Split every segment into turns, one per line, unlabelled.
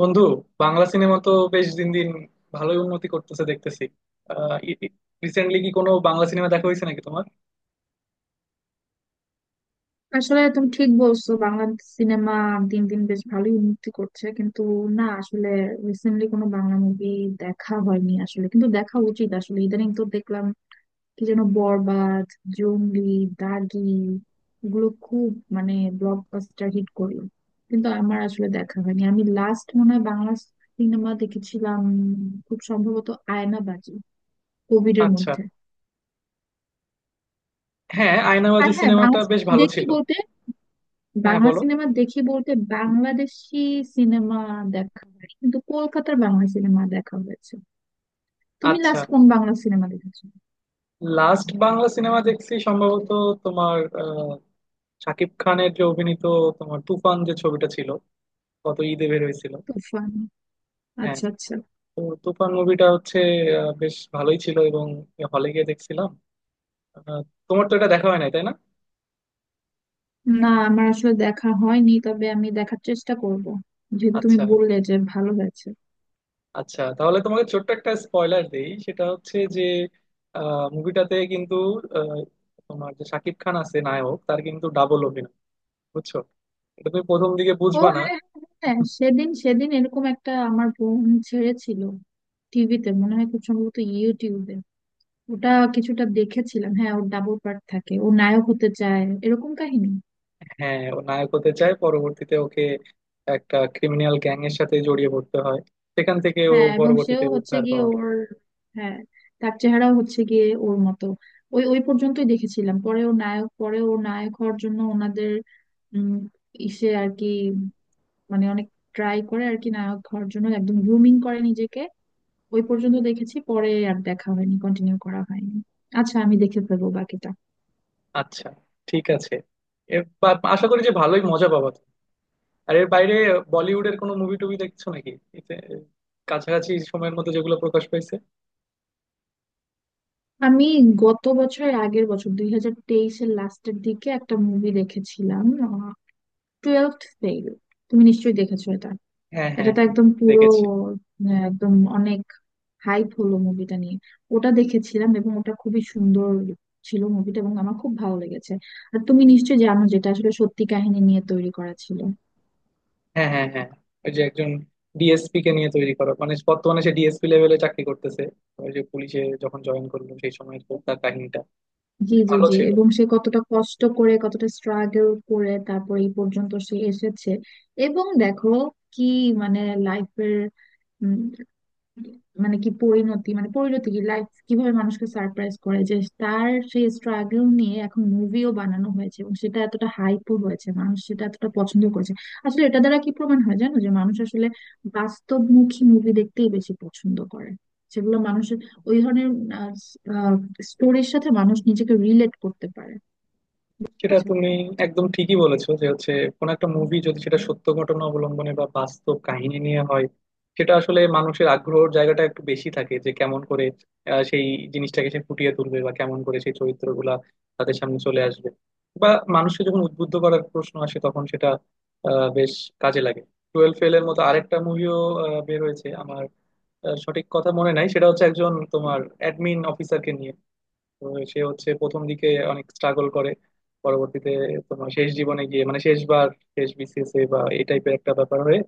বন্ধু, বাংলা সিনেমা তো বেশ দিন দিন ভালোই উন্নতি করতেছে দেখতেছি। রিসেন্টলি কি কোনো বাংলা সিনেমা দেখা হয়েছে নাকি তোমার?
আসলে তুমি ঠিক বলছো, বাংলা সিনেমা দিন দিন বেশ ভালোই উন্নতি করছে কিন্তু না আসলে রিসেন্টলি কোনো বাংলা মুভি দেখা হয়নি আসলে, কিন্তু দেখা উচিত আসলে। ইদানিং তো দেখলাম কি যেন বরবাদ, জঙ্গলি, দাগি, এগুলো খুব মানে ব্লকবাস্টার হিট করলো, কিন্তু আমার আসলে দেখা হয়নি। আমি লাস্ট মনে হয় বাংলা সিনেমা দেখেছিলাম খুব সম্ভবত আয়নাবাজি, কোভিড এর
আচ্ছা।
মধ্যে।
হ্যাঁ,
আর
আয়নাবাজি
হ্যাঁ,
সিনেমাটা বেশ ভালো ছিল। হ্যাঁ,
বাংলা
বলো।
সিনেমা দেখি বলতে বাংলাদেশি সিনেমা দেখা হয় কিন্তু কলকাতার বাংলা সিনেমা দেখা হয়েছে। তুমি
আচ্ছা,
লাস্ট কোন বাংলা সিনেমা দেখেছো?
লাস্ট বাংলা সিনেমা দেখছি সম্ভবত তোমার শাকিব খানের যে অভিনীত তোমার তুফান যে ছবিটা ছিল, গত ঈদে বের হয়েছিল।
তুফান?
হ্যাঁ।
আচ্ছা আচ্ছা।
তো তুফান মুভিটা হচ্ছে বেশ ভালোই ছিল এবং হলে গিয়ে দেখছিলাম। আহ, তোমার তো এটা দেখা হয় নাই, তাই না?
না আমার আসলে দেখা হয়নি, তবে আমি দেখার চেষ্টা করব যেহেতু তুমি
আচ্ছা
বললে যে ভালো হয়েছে।
আচ্ছা, তাহলে তোমাকে ছোট্ট একটা স্পয়লার দেই। সেটা হচ্ছে যে মুভিটাতে কিন্তু আহ, তোমার যে শাকিব খান আছে নায়ক, তার কিন্তু ডাবল অভিনয়। বুঝছো? এটা তুমি প্রথম দিকে
ও
বুঝবা না।
হ্যাঁ হ্যাঁ হ্যাঁ, সেদিন সেদিন এরকম একটা আমার বোন ছেড়েছিল টিভিতে, মনে হয় খুব সম্ভবত ইউটিউবে। ওটা কিছুটা দেখেছিলাম, হ্যাঁ, ওর ডাবল পার্ট থাকে, ও নায়ক হতে চায়, এরকম কাহিনী।
হ্যাঁ, ও নায়ক হতে চায়, পরবর্তীতে ওকে একটা ক্রিমিনাল গ্যাং এর সাথে জড়িয়ে পড়তে হয়। সেখান থেকে ও
হ্যাঁ এবং সেও
পরবর্তীতে
হচ্ছে
উদ্ধার
গিয়ে
হওয়ার।
ওর, হ্যাঁ, তার চেহারাও হচ্ছে গিয়ে ওর মতো। ওই ওই পর্যন্তই দেখেছিলাম, পরে ওর নায়ক হওয়ার জন্য ওনাদের উম ইসে আর কি, মানে অনেক ট্রাই করে আর কি, নায়ক হওয়ার জন্য একদম গ্রুমিং করে নিজেকে। ওই পর্যন্ত দেখেছি, পরে আর দেখা হয়নি, কন্টিনিউ করা হয়নি। আচ্ছা, আমি দেখে ফেলবো বাকিটা।
আচ্ছা, ঠিক আছে, এবার আশা করি যে ভালোই মজা পাবা তুমি। আর এর বাইরে বলিউডের কোনো মুভি টুভি দেখছো নাকি এতে- কাছাকাছি সময়ের মধ্যে যেগুলো প্রকাশ পাইছে?
আমি গত বছরের আগের বছর 2023 এর লাস্টের দিকে একটা মুভি দেখেছিলাম, টুয়েলথ ফেল। তুমি নিশ্চয়ই দেখেছো এটা।
হ্যাঁ
এটা
হ্যাঁ
তো
হ্যাঁ,
একদম পুরো
দেখেছি।
একদম অনেক হাইপ হলো মুভিটা নিয়ে। ওটা দেখেছিলাম এবং ওটা খুবই সুন্দর ছিল মুভিটা, এবং আমার খুব ভালো লেগেছে। আর তুমি নিশ্চয়ই জানো, যেটা আসলে সত্যি কাহিনী নিয়ে তৈরি করা ছিল।
হ্যাঁ হ্যাঁ হ্যাঁ, ওই যে একজন ডিএসপি কে নিয়ে তৈরি করা, মানে বর্তমানে সে ডিএসপি লেভেলে চাকরি করতেছে, ওই যে পুলিশে যখন জয়েন করলো সেই সময় তার কাহিনীটা।
জি জি
ভালো
জি,
ছিল।
এবং সে কতটা কষ্ট করে, কতটা স্ট্রাগল করে, তারপর এই পর্যন্ত সে এসেছে। এবং দেখো কি, মানে লাইফের, মানে পরিণতি কি, লাইফ কিভাবে মানুষকে সারপ্রাইজ করে, যে তার সেই স্ট্রাগল নিয়ে এখন মুভিও বানানো হয়েছে এবং সেটা এতটা হাইপও হয়েছে, মানুষ সেটা এতটা পছন্দ করেছে। আসলে এটা দ্বারা কি প্রমাণ হয় জানো? যে মানুষ আসলে বাস্তবমুখী মুভি দেখতেই বেশি পছন্দ করে, সেগুলো মানুষের, ওই ধরনের স্টোরির সাথে মানুষ নিজেকে রিলেট করতে পারে। বুঝতে
সেটা
পারছো?
তুমি একদম ঠিকই বলেছো যে হচ্ছে কোন একটা মুভি যদি সেটা সত্য ঘটনা অবলম্বনে বা বাস্তব কাহিনী নিয়ে হয়, সেটা আসলে মানুষের আগ্রহের জায়গাটা একটু বেশি থাকে। যে কেমন করে সেই জিনিসটাকে সে ফুটিয়ে তুলবে বা কেমন করে সেই চরিত্রগুলা তাদের সামনে চলে আসবে, বা মানুষকে যখন উদ্বুদ্ধ করার প্রশ্ন আসে তখন সেটা বেশ কাজে লাগে। টুয়েলভ ফেল এর মতো আরেকটা মুভিও বের হয়েছে। আমার সঠিক কথা মনে নাই। সেটা হচ্ছে একজন তোমার অ্যাডমিন অফিসারকে নিয়ে। তো সে হচ্ছে প্রথম দিকে অনেক স্ট্রাগল করে, পরবর্তীতে তোমার শেষ জীবনে গিয়ে মানে শেষবার, শেষ বিসিএস এ বা এই টাইপের একটা ব্যাপার হয়ে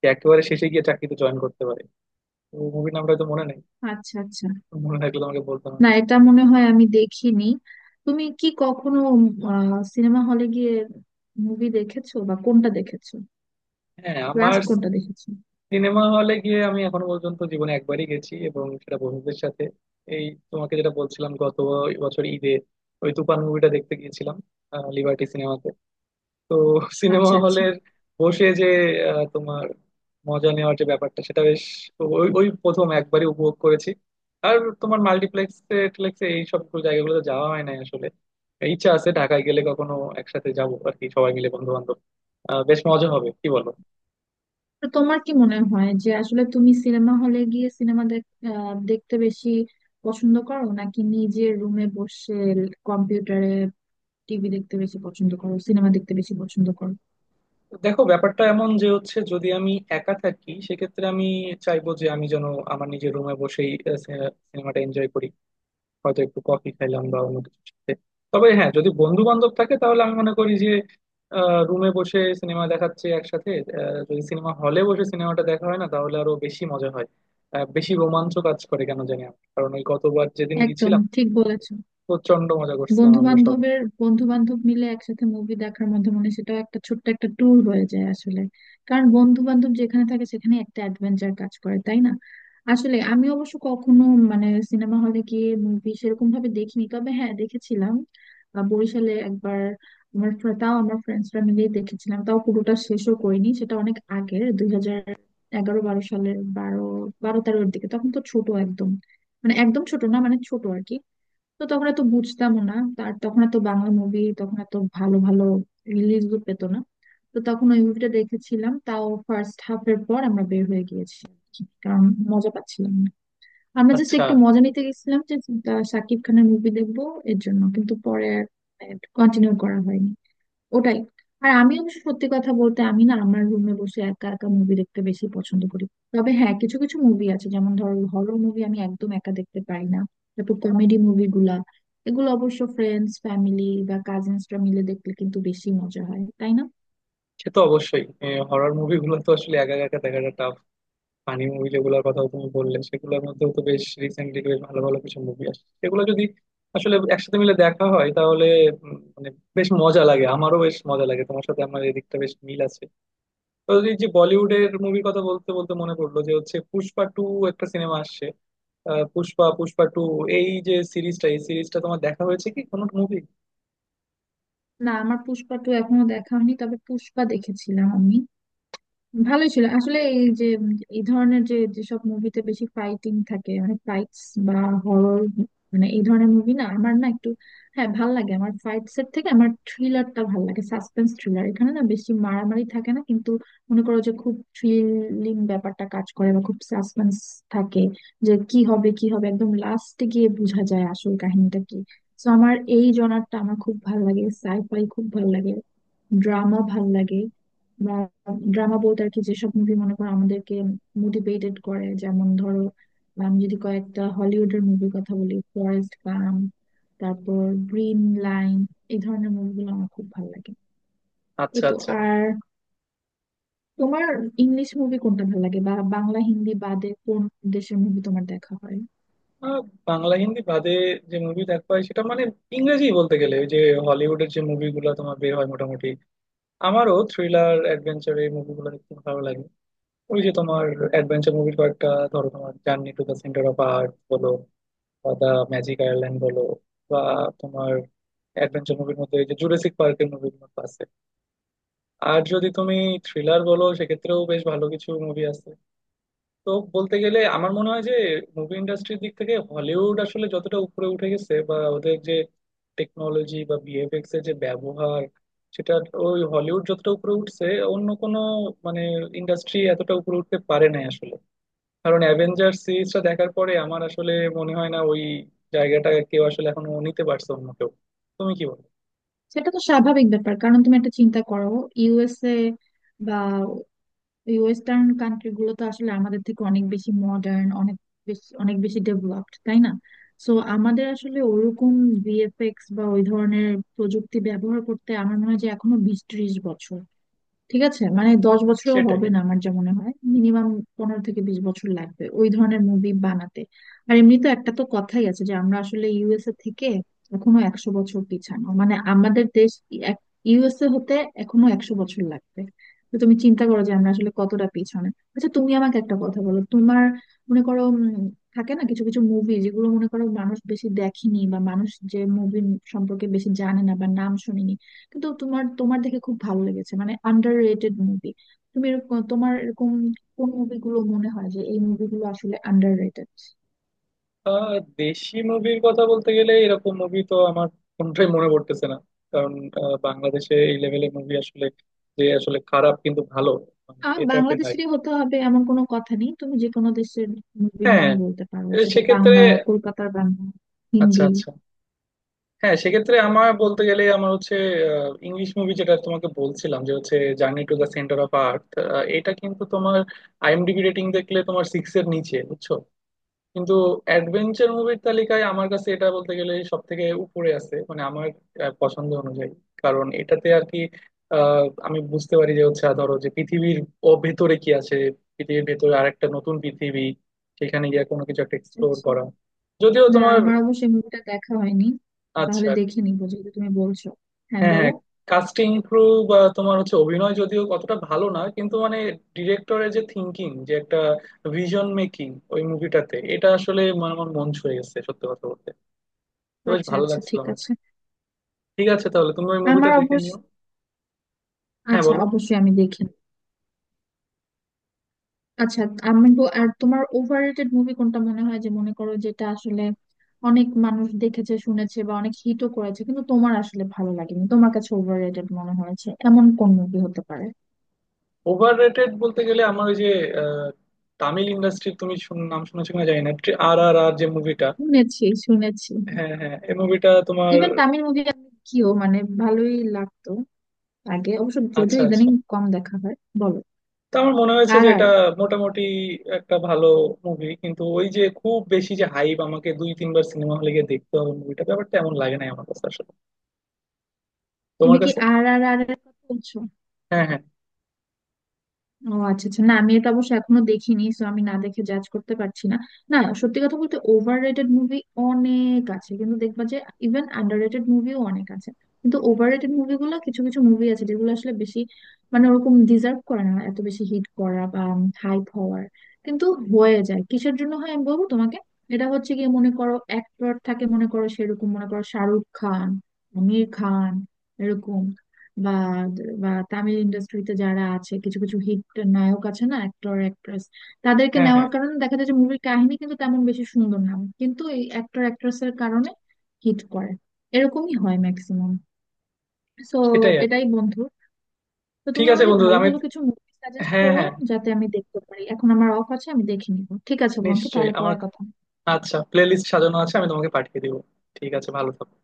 সে একেবারে শেষে গিয়ে চাকরিতে জয়েন করতে পারে। তো মুভির নামটা হয়তো মনে নেই,
আচ্ছা আচ্ছা।
মনে থাকলে তোমাকে বলতাম আর
না
কি।
এটা মনে হয় আমি দেখিনি। তুমি কি কখনো সিনেমা হলে গিয়ে মুভি দেখেছো? বা কোনটা দেখেছো?
হ্যাঁ আমার,
লাস্ট কোনটা দেখেছো?
সিনেমা হলে গিয়ে আমি এখনো পর্যন্ত জীবনে একবারই গেছি, এবং সেটা বন্ধুদের সাথে এই তোমাকে যেটা বলছিলাম গত বছর ঈদে ওই তুফান মুভিটা দেখতে গিয়েছিলাম লিবার্টি সিনেমাতে। তো সিনেমা
আচ্ছা আচ্ছা।
হলের বসে যে তোমার মজা নেওয়ার যে ব্যাপারটা, সেটা বেশ ওই ওই প্রথম একবারই উপভোগ করেছি। আর তোমার মাল্টিপ্লেক্সে টিপ্লেক্সে এই সব জায়গাগুলোতে যাওয়া হয় নাই আসলে। ইচ্ছা আছে ঢাকায় গেলে কখনো একসাথে যাবো আর কি, সবাই মিলে বন্ধু বান্ধব। বেশ মজা হবে, কি বলো?
তো তোমার কি মনে হয়, যে আসলে তুমি সিনেমা হলে গিয়ে সিনেমা দেখতে বেশি পছন্দ করো, নাকি নিজের রুমে বসে কম্পিউটারে টিভি দেখতে বেশি পছন্দ করো, সিনেমা দেখতে বেশি পছন্দ করো?
দেখো, ব্যাপারটা এমন যে হচ্ছে যদি আমি একা থাকি সেক্ষেত্রে আমি চাইবো যে আমি যেন আমার নিজের রুমে বসেই সিনেমাটা এনজয় করি, হয়তো একটু কফি খাইলাম বা অন্য কিছু সাথে। তবে হ্যাঁ, যদি বন্ধু বান্ধব থাকে তাহলে আমি মনে করি যে রুমে বসে সিনেমা দেখাচ্ছে একসাথে যদি সিনেমা হলে বসে সিনেমাটা দেখা হয় না তাহলে আরো বেশি মজা হয়, বেশি রোমাঞ্চ কাজ করে কেন জানি আমার। কারণ ওই গতবার যেদিন
একদম
গেছিলাম
ঠিক বলেছো।
প্রচন্ড মজা করছিলাম
বন্ধু
আমরা সবাই।
বান্ধবের, বন্ধু বান্ধব মিলে একসাথে মুভি দেখার মধ্যে, মানে সেটাও একটা ছোট্ট একটা ট্যুর হয়ে যায় আসলে। কারণ বন্ধু বান্ধব যেখানে থাকে সেখানে একটা অ্যাডভেঞ্চার কাজ করে, তাই না? আসলে আমি অবশ্য কখনো মানে সিনেমা হলে গিয়ে মুভি সেরকম ভাবে দেখিনি, তবে হ্যাঁ দেখেছিলাম বরিশালে একবার। তাও আমার ফ্রেন্ডসরা মিলে দেখেছিলাম, তাও পুরোটা শেষও করিনি। সেটা অনেক আগের, 2011-12 সালের, বারো বারো তেরোর দিকে। তখন তো ছোট একদম, মানে একদম ছোট না, মানে ছোট আর কি। তো তখন এত বুঝতামও না তার, তখন এত বাংলা মুভি তখন এত ভালো ভালো রিলিজও পেতো না। তো তখন ওই মুভিটা দেখেছিলাম, তাও ফার্স্ট হাফ এর পর আমরা বের হয়ে গিয়েছি, কারণ মজা পাচ্ছিলাম না। আমরা জাস্ট
আচ্ছা।
একটু মজা নিতে গেছিলাম যে শাকিব খানের মুভি দেখবো, এর জন্য। কিন্তু পরে কন্টিনিউ করা হয়নি, ওটাই। আর আমি অবশ্য সত্যি কথা বলতে, আমি না আমার রুমে বসে একা একা মুভি দেখতে বেশি পছন্দ করি। তবে হ্যাঁ কিছু কিছু মুভি আছে, যেমন ধরো হরর মুভি আমি একদম একা দেখতে পারি না। তারপর কমেডি মুভিগুলা, এগুলো অবশ্য ফ্রেন্ডস ফ্যামিলি বা কাজিনসরা মিলে দেখলে কিন্তু বেশি মজা হয়, তাই না?
সে তো অবশ্যই। হরর মুভিগুলো তো আসলে একা একা দেখাটা, ফানি মুভি যেগুলোর কথা তুমি বললে, সেগুলোর মধ্যেও তো বেশ রিসেন্টলি বেশ ভালো ভালো কিছু মুভি আসছে। সেগুলো যদি আসলে একসাথে মিলে দেখা হয় তাহলে মানে বেশ মজা লাগে, আমারও বেশ মজা লাগে। তোমার সাথে আমার এদিকটা বেশ মিল আছে। তো এই যে বলিউডের মুভির কথা বলতে বলতে মনে পড়লো যে হচ্ছে পুষ্পা টু একটা সিনেমা আসছে। আহ, পুষ্পা পুষ্পা টু, এই যে সিরিজটা, এই সিরিজটা তোমার দেখা হয়েছে কি কোনো মুভি?
না আমার পুষ্পা টু এখনো দেখা হয়নি, তবে পুষ্পা দেখেছিলাম আমি। ভালোই ছিল আসলে। এই যে এই ধরনের যে যেসব মুভিতে বেশি ফাইটিং থাকে, মানে ফাইটস বা হরর, মানে এই ধরনের মুভি না আমার না একটু, হ্যাঁ ভাল লাগে। আমার ফাইট সেট থেকে আমার থ্রিলারটা ভাল লাগে, সাসপেন্স থ্রিলার, এখানে না বেশি মারামারি থাকে না কিন্তু মনে করো যে খুব থ্রিলিং ব্যাপারটা কাজ করে, বা খুব সাসপেন্স থাকে, যে কি হবে কি হবে, একদম লাস্টে গিয়ে বোঝা যায় আসল কাহিনীটা কি। তো আমার এই জনারটা আমার খুব ভাল লাগে, সাইফাই খুব ভাল লাগে, ড্রামা ভাল লাগে। বা ড্রামা বলতে আর কি, যেসব মুভি মনে করো আমাদেরকে মোটিভেটেড করে, যেমন ধরো আমি যদি কয়েকটা হলিউডের মুভির কথা বলি, ফরেস্ট গাম, তারপর গ্রিন লাইন, এই ধরনের মুভিগুলো আমার খুব ভালো লাগে। এই
আচ্ছা
তো।
আচ্ছা।
আর তোমার ইংলিশ মুভি কোনটা ভালো লাগে, বা বাংলা হিন্দি বাদে কোন দেশের মুভি তোমার দেখা হয়?
আহ, বাংলা হিন্দি বাদে যে মুভি দেখা হয় সেটা মানে ইংরেজি বলতে গেলে ওই যে হলিউডের যে মুভিগুলো তোমার বের হয় মোটামুটি, আমারও থ্রিলার অ্যাডভেঞ্চার এই মুভিগুলো দেখতে ভালো লাগে। ওই যে তোমার অ্যাডভেঞ্চার মুভি কয়েকটা ধরো, তোমার journey to the centre of earth বলো বা দ্য ম্যাজিক আয়ারল্যান্ড বলো, বা তোমার অ্যাডভেঞ্চার মুভির মধ্যে এই যে জুরাসিক পার্কের মুভিগুলো আছে। আর যদি তুমি থ্রিলার বলো, সেক্ষেত্রেও বেশ ভালো কিছু মুভি আছে। তো বলতে গেলে আমার মনে হয় যে মুভি ইন্ডাস্ট্রির দিক থেকে হলিউড আসলে যতটা উপরে উঠে গেছে বা ওদের যে টেকনোলজি বা ভিএফএক্স এর যে ব্যবহার, সেটা, ওই হলিউড যতটা উপরে উঠছে অন্য কোনো মানে ইন্ডাস্ট্রি এতটা উপরে উঠতে পারে নাই আসলে। কারণ অ্যাভেঞ্জার সিরিজটা দেখার পরে আমার আসলে মনে হয় না ওই জায়গাটা কেউ আসলে এখনো নিতে পারছে অন্য কেউ। তুমি কি বলো?
সেটা তো স্বাভাবিক ব্যাপার, কারণ তুমি একটা চিন্তা করো, ইউএসএ, এই ওয়েস্টার্ন কান্ট্রি গুলো তো আসলে আমাদের থেকে অনেক বেশি মডার্ন, অনেক বেশি, অনেক বেশি ডেভেলপড, তাই না? সো আমাদের আসলে ওরকম ভিএফএক্স বা ওই ধরনের প্রযুক্তি ব্যবহার করতে, আমার মনে হয় যে এখনো 20-30 বছর, ঠিক আছে মানে 10 বছরও
সেটাই।
হবে না, আমার যা মনে হয় মিনিমাম 15 থেকে 20 বছর লাগবে ওই ধরনের মুভি বানাতে। আর এমনি তো একটা তো কথাই আছে যে আমরা আসলে ইউএসএ থেকে এখনো 100 বছর পিছানো, মানে আমাদের দেশ ইউএসএ হতে এখনো 100 বছর লাগবে। তো তুমি চিন্তা করো যে আমরা আসলে কতটা পিছনে। আচ্ছা তুমি আমাকে একটা কথা বলো তোমার, মনে করো থাকে না কিছু কিছু মুভি যেগুলো, মনে করো মানুষ বেশি দেখেনি বা মানুষ যে মুভি সম্পর্কে বেশি জানে না বা নাম শুনিনি, কিন্তু তোমার তোমার দেখে খুব ভালো লেগেছে, মানে আন্ডার রেটেড মুভি। তুমি এরকম, তোমার এরকম কোন মুভিগুলো মনে হয় যে এই মুভিগুলো আসলে আন্ডার রেটেড?
আহ, দেশি মুভির কথা বলতে গেলে এরকম মুভি তো আমার কোনটাই মনে পড়তেছে না। কারণ বাংলাদেশে এই লেভেলের মুভি আসলে, যে আসলে খারাপ কিন্তু ভালো মানে
আর
এ টাইপের নাই।
বাংলাদেশেরই হতে হবে এমন কোনো কথা নেই, তুমি যে কোনো দেশের মুভির
হ্যাঁ,
নামই বলতে পারো,
এ
সেটা
সেক্ষেত্রে
বাংলা, কলকাতার বাংলা,
আচ্ছা
হিন্দি।
আচ্ছা, হ্যাঁ সেক্ষেত্রে আমার বলতে গেলে আমার হচ্ছে ইংলিশ মুভি যেটা তোমাকে বলছিলাম, যে হচ্ছে journey to the centre of earth. এটা কিন্তু তোমার আইএমডিবি রেটিং দেখলে তোমার সিক্স এর নিচে, বুঝছো? কিন্তু অ্যাডভেঞ্চার মুভির তালিকায় আমার কাছে এটা বলতে গেলে সব থেকে উপরে আছে, মানে আমার পছন্দ অনুযায়ী। কারণ এটাতে আর কি আমি বুঝতে পারি যে হচ্ছে, ধরো যে পৃথিবীর ও ভেতরে কি আছে, পৃথিবীর ভেতরে আরেকটা নতুন পৃথিবী, সেখানে গিয়ে কোনো কিছু একটা
আচ্ছা,
এক্সপ্লোর
আচ্ছা।
করা। যদিও
না
তোমার
আমার অবশ্যই মুভিটা দেখা হয়নি। তাহলে
আচ্ছা
দেখে নিবো, যেহেতু তুমি বলছো। হ্যাঁ
হ্যাঁ হ্যাঁ,
বলো।
কাস্টিং ক্রু বা তোমার হচ্ছে অভিনয় যদিও কতটা ভালো না কিন্তু মানে ডিরেক্টরের যে থিঙ্কিং, যে একটা ভিশন মেকিং ওই মুভিটাতে, এটা আসলে মানে আমার মন ছুঁয়ে গেছে সত্যি কথা বলতে। তো বেশ
আচ্ছা
ভালো
আচ্ছা,
লাগছিল
ঠিক
আমার।
আছে।
ঠিক আছে, তাহলে তুমি ওই মুভিটা
আমার
দেখে
অবশ্য,
নিও। হ্যাঁ,
আচ্ছা
বলো।
অবশ্যই আমি দেখি। আচ্ছা, আর তোমার ওভাররেটেড মুভি কোনটা মনে হয়, যে মনে করো যেটা আসলে অনেক মানুষ দেখেছে, শুনেছে, বা অনেক হিটও করেছে কিন্তু তোমার আসলে ভালো লাগেনি, তোমার কাছে ওভাররেটেড মনে হয়েছে এমন কোন মুভি হতে পারে?
ওভার রেটেড বলতে গেলে আমার ওই যে আহ, তামিল ইন্ডাস্ট্রির তুমি নাম শুনেছো কিনা জানি না, আর আর আর যে মুভিটা।
শুনেছি শুনেছি,
হ্যাঁ হ্যাঁ, এই মুভিটা তোমার,
ইভেন তামিল মুভি কিও মানে ভালোই লাগতো আগে, অবশ্য যদিও
আচ্ছা আচ্ছা,
ইদানিং কম দেখা হয়। বলো।
তো আমার মনে হয়েছে
আর
যে
আর
এটা মোটামুটি একটা ভালো মুভি, কিন্তু ওই যে খুব বেশি যে হাইপ, আমাকে দুই তিনবার সিনেমা হলে গিয়ে দেখতে হবে মুভিটা, ব্যাপারটা এমন লাগে না আমার কাছে আসলে। তোমার
তুমি কি
কাছে?
আর আর আর এর কথা বলছো?
হ্যাঁ হ্যাঁ
ও আচ্ছা আচ্ছা, না আমি এটা অবশ্য এখনো দেখিনি, সো আমি না দেখে জাজ করতে পারছি না। না সত্যি কথা বলতে ওভাররেটেড মুভি অনেক আছে, কিন্তু দেখবা যে ইভেন আন্ডাররেটেড মুভিও অনেক আছে। কিন্তু ওভাররেটেড মুভিগুলো, কিছু কিছু মুভি আছে যেগুলো আসলে বেশি, মানে ওরকম ডিজার্ভ করে না এত বেশি হিট করা বা হাইপ হওয়ার, কিন্তু হয়ে যায়। কিসের জন্য হয় আমি বলবো তোমাকে। এটা হচ্ছে গিয়ে, মনে করো অ্যাক্টর থাকে, মনে করো সেরকম মনে করো শাহরুখ খান, আমির খান, এরকম, বা বা তামিল ইন্ডাস্ট্রিতে যারা আছে কিছু কিছু হিট নায়ক আছে না, অ্যাক্টর অ্যাক্ট্রেস, তাদেরকে
হ্যাঁ হ্যাঁ,
নেওয়ার কারণে দেখা যায় যে মুভির কাহিনী কিন্তু তেমন বেশি সুন্দর না, কিন্তু এই অ্যাক্টর অ্যাক্ট্রেসের কারণে হিট করে। এরকমই হয় ম্যাক্সিমাম। সো
সেটাই আর কি।
এটাই বন্ধু। তো
ঠিক
তুমি
আছে
আমাকে
বন্ধু,
ভালো
আমি,
ভালো কিছু মুভি সাজেস্ট
হ্যাঁ
করো
হ্যাঁ,
যাতে আমি দেখতে পারি। এখন আমার অফ আছে, আমি দেখে নিবো। ঠিক আছে বন্ধু,
নিশ্চয়ই
তাহলে পরে
আমার
কথা হবে।
আচ্ছা প্লে লিস্ট সাজানো আছে, আমি তোমাকে পাঠিয়ে দিব। ঠিক আছে, ভালো থাকো।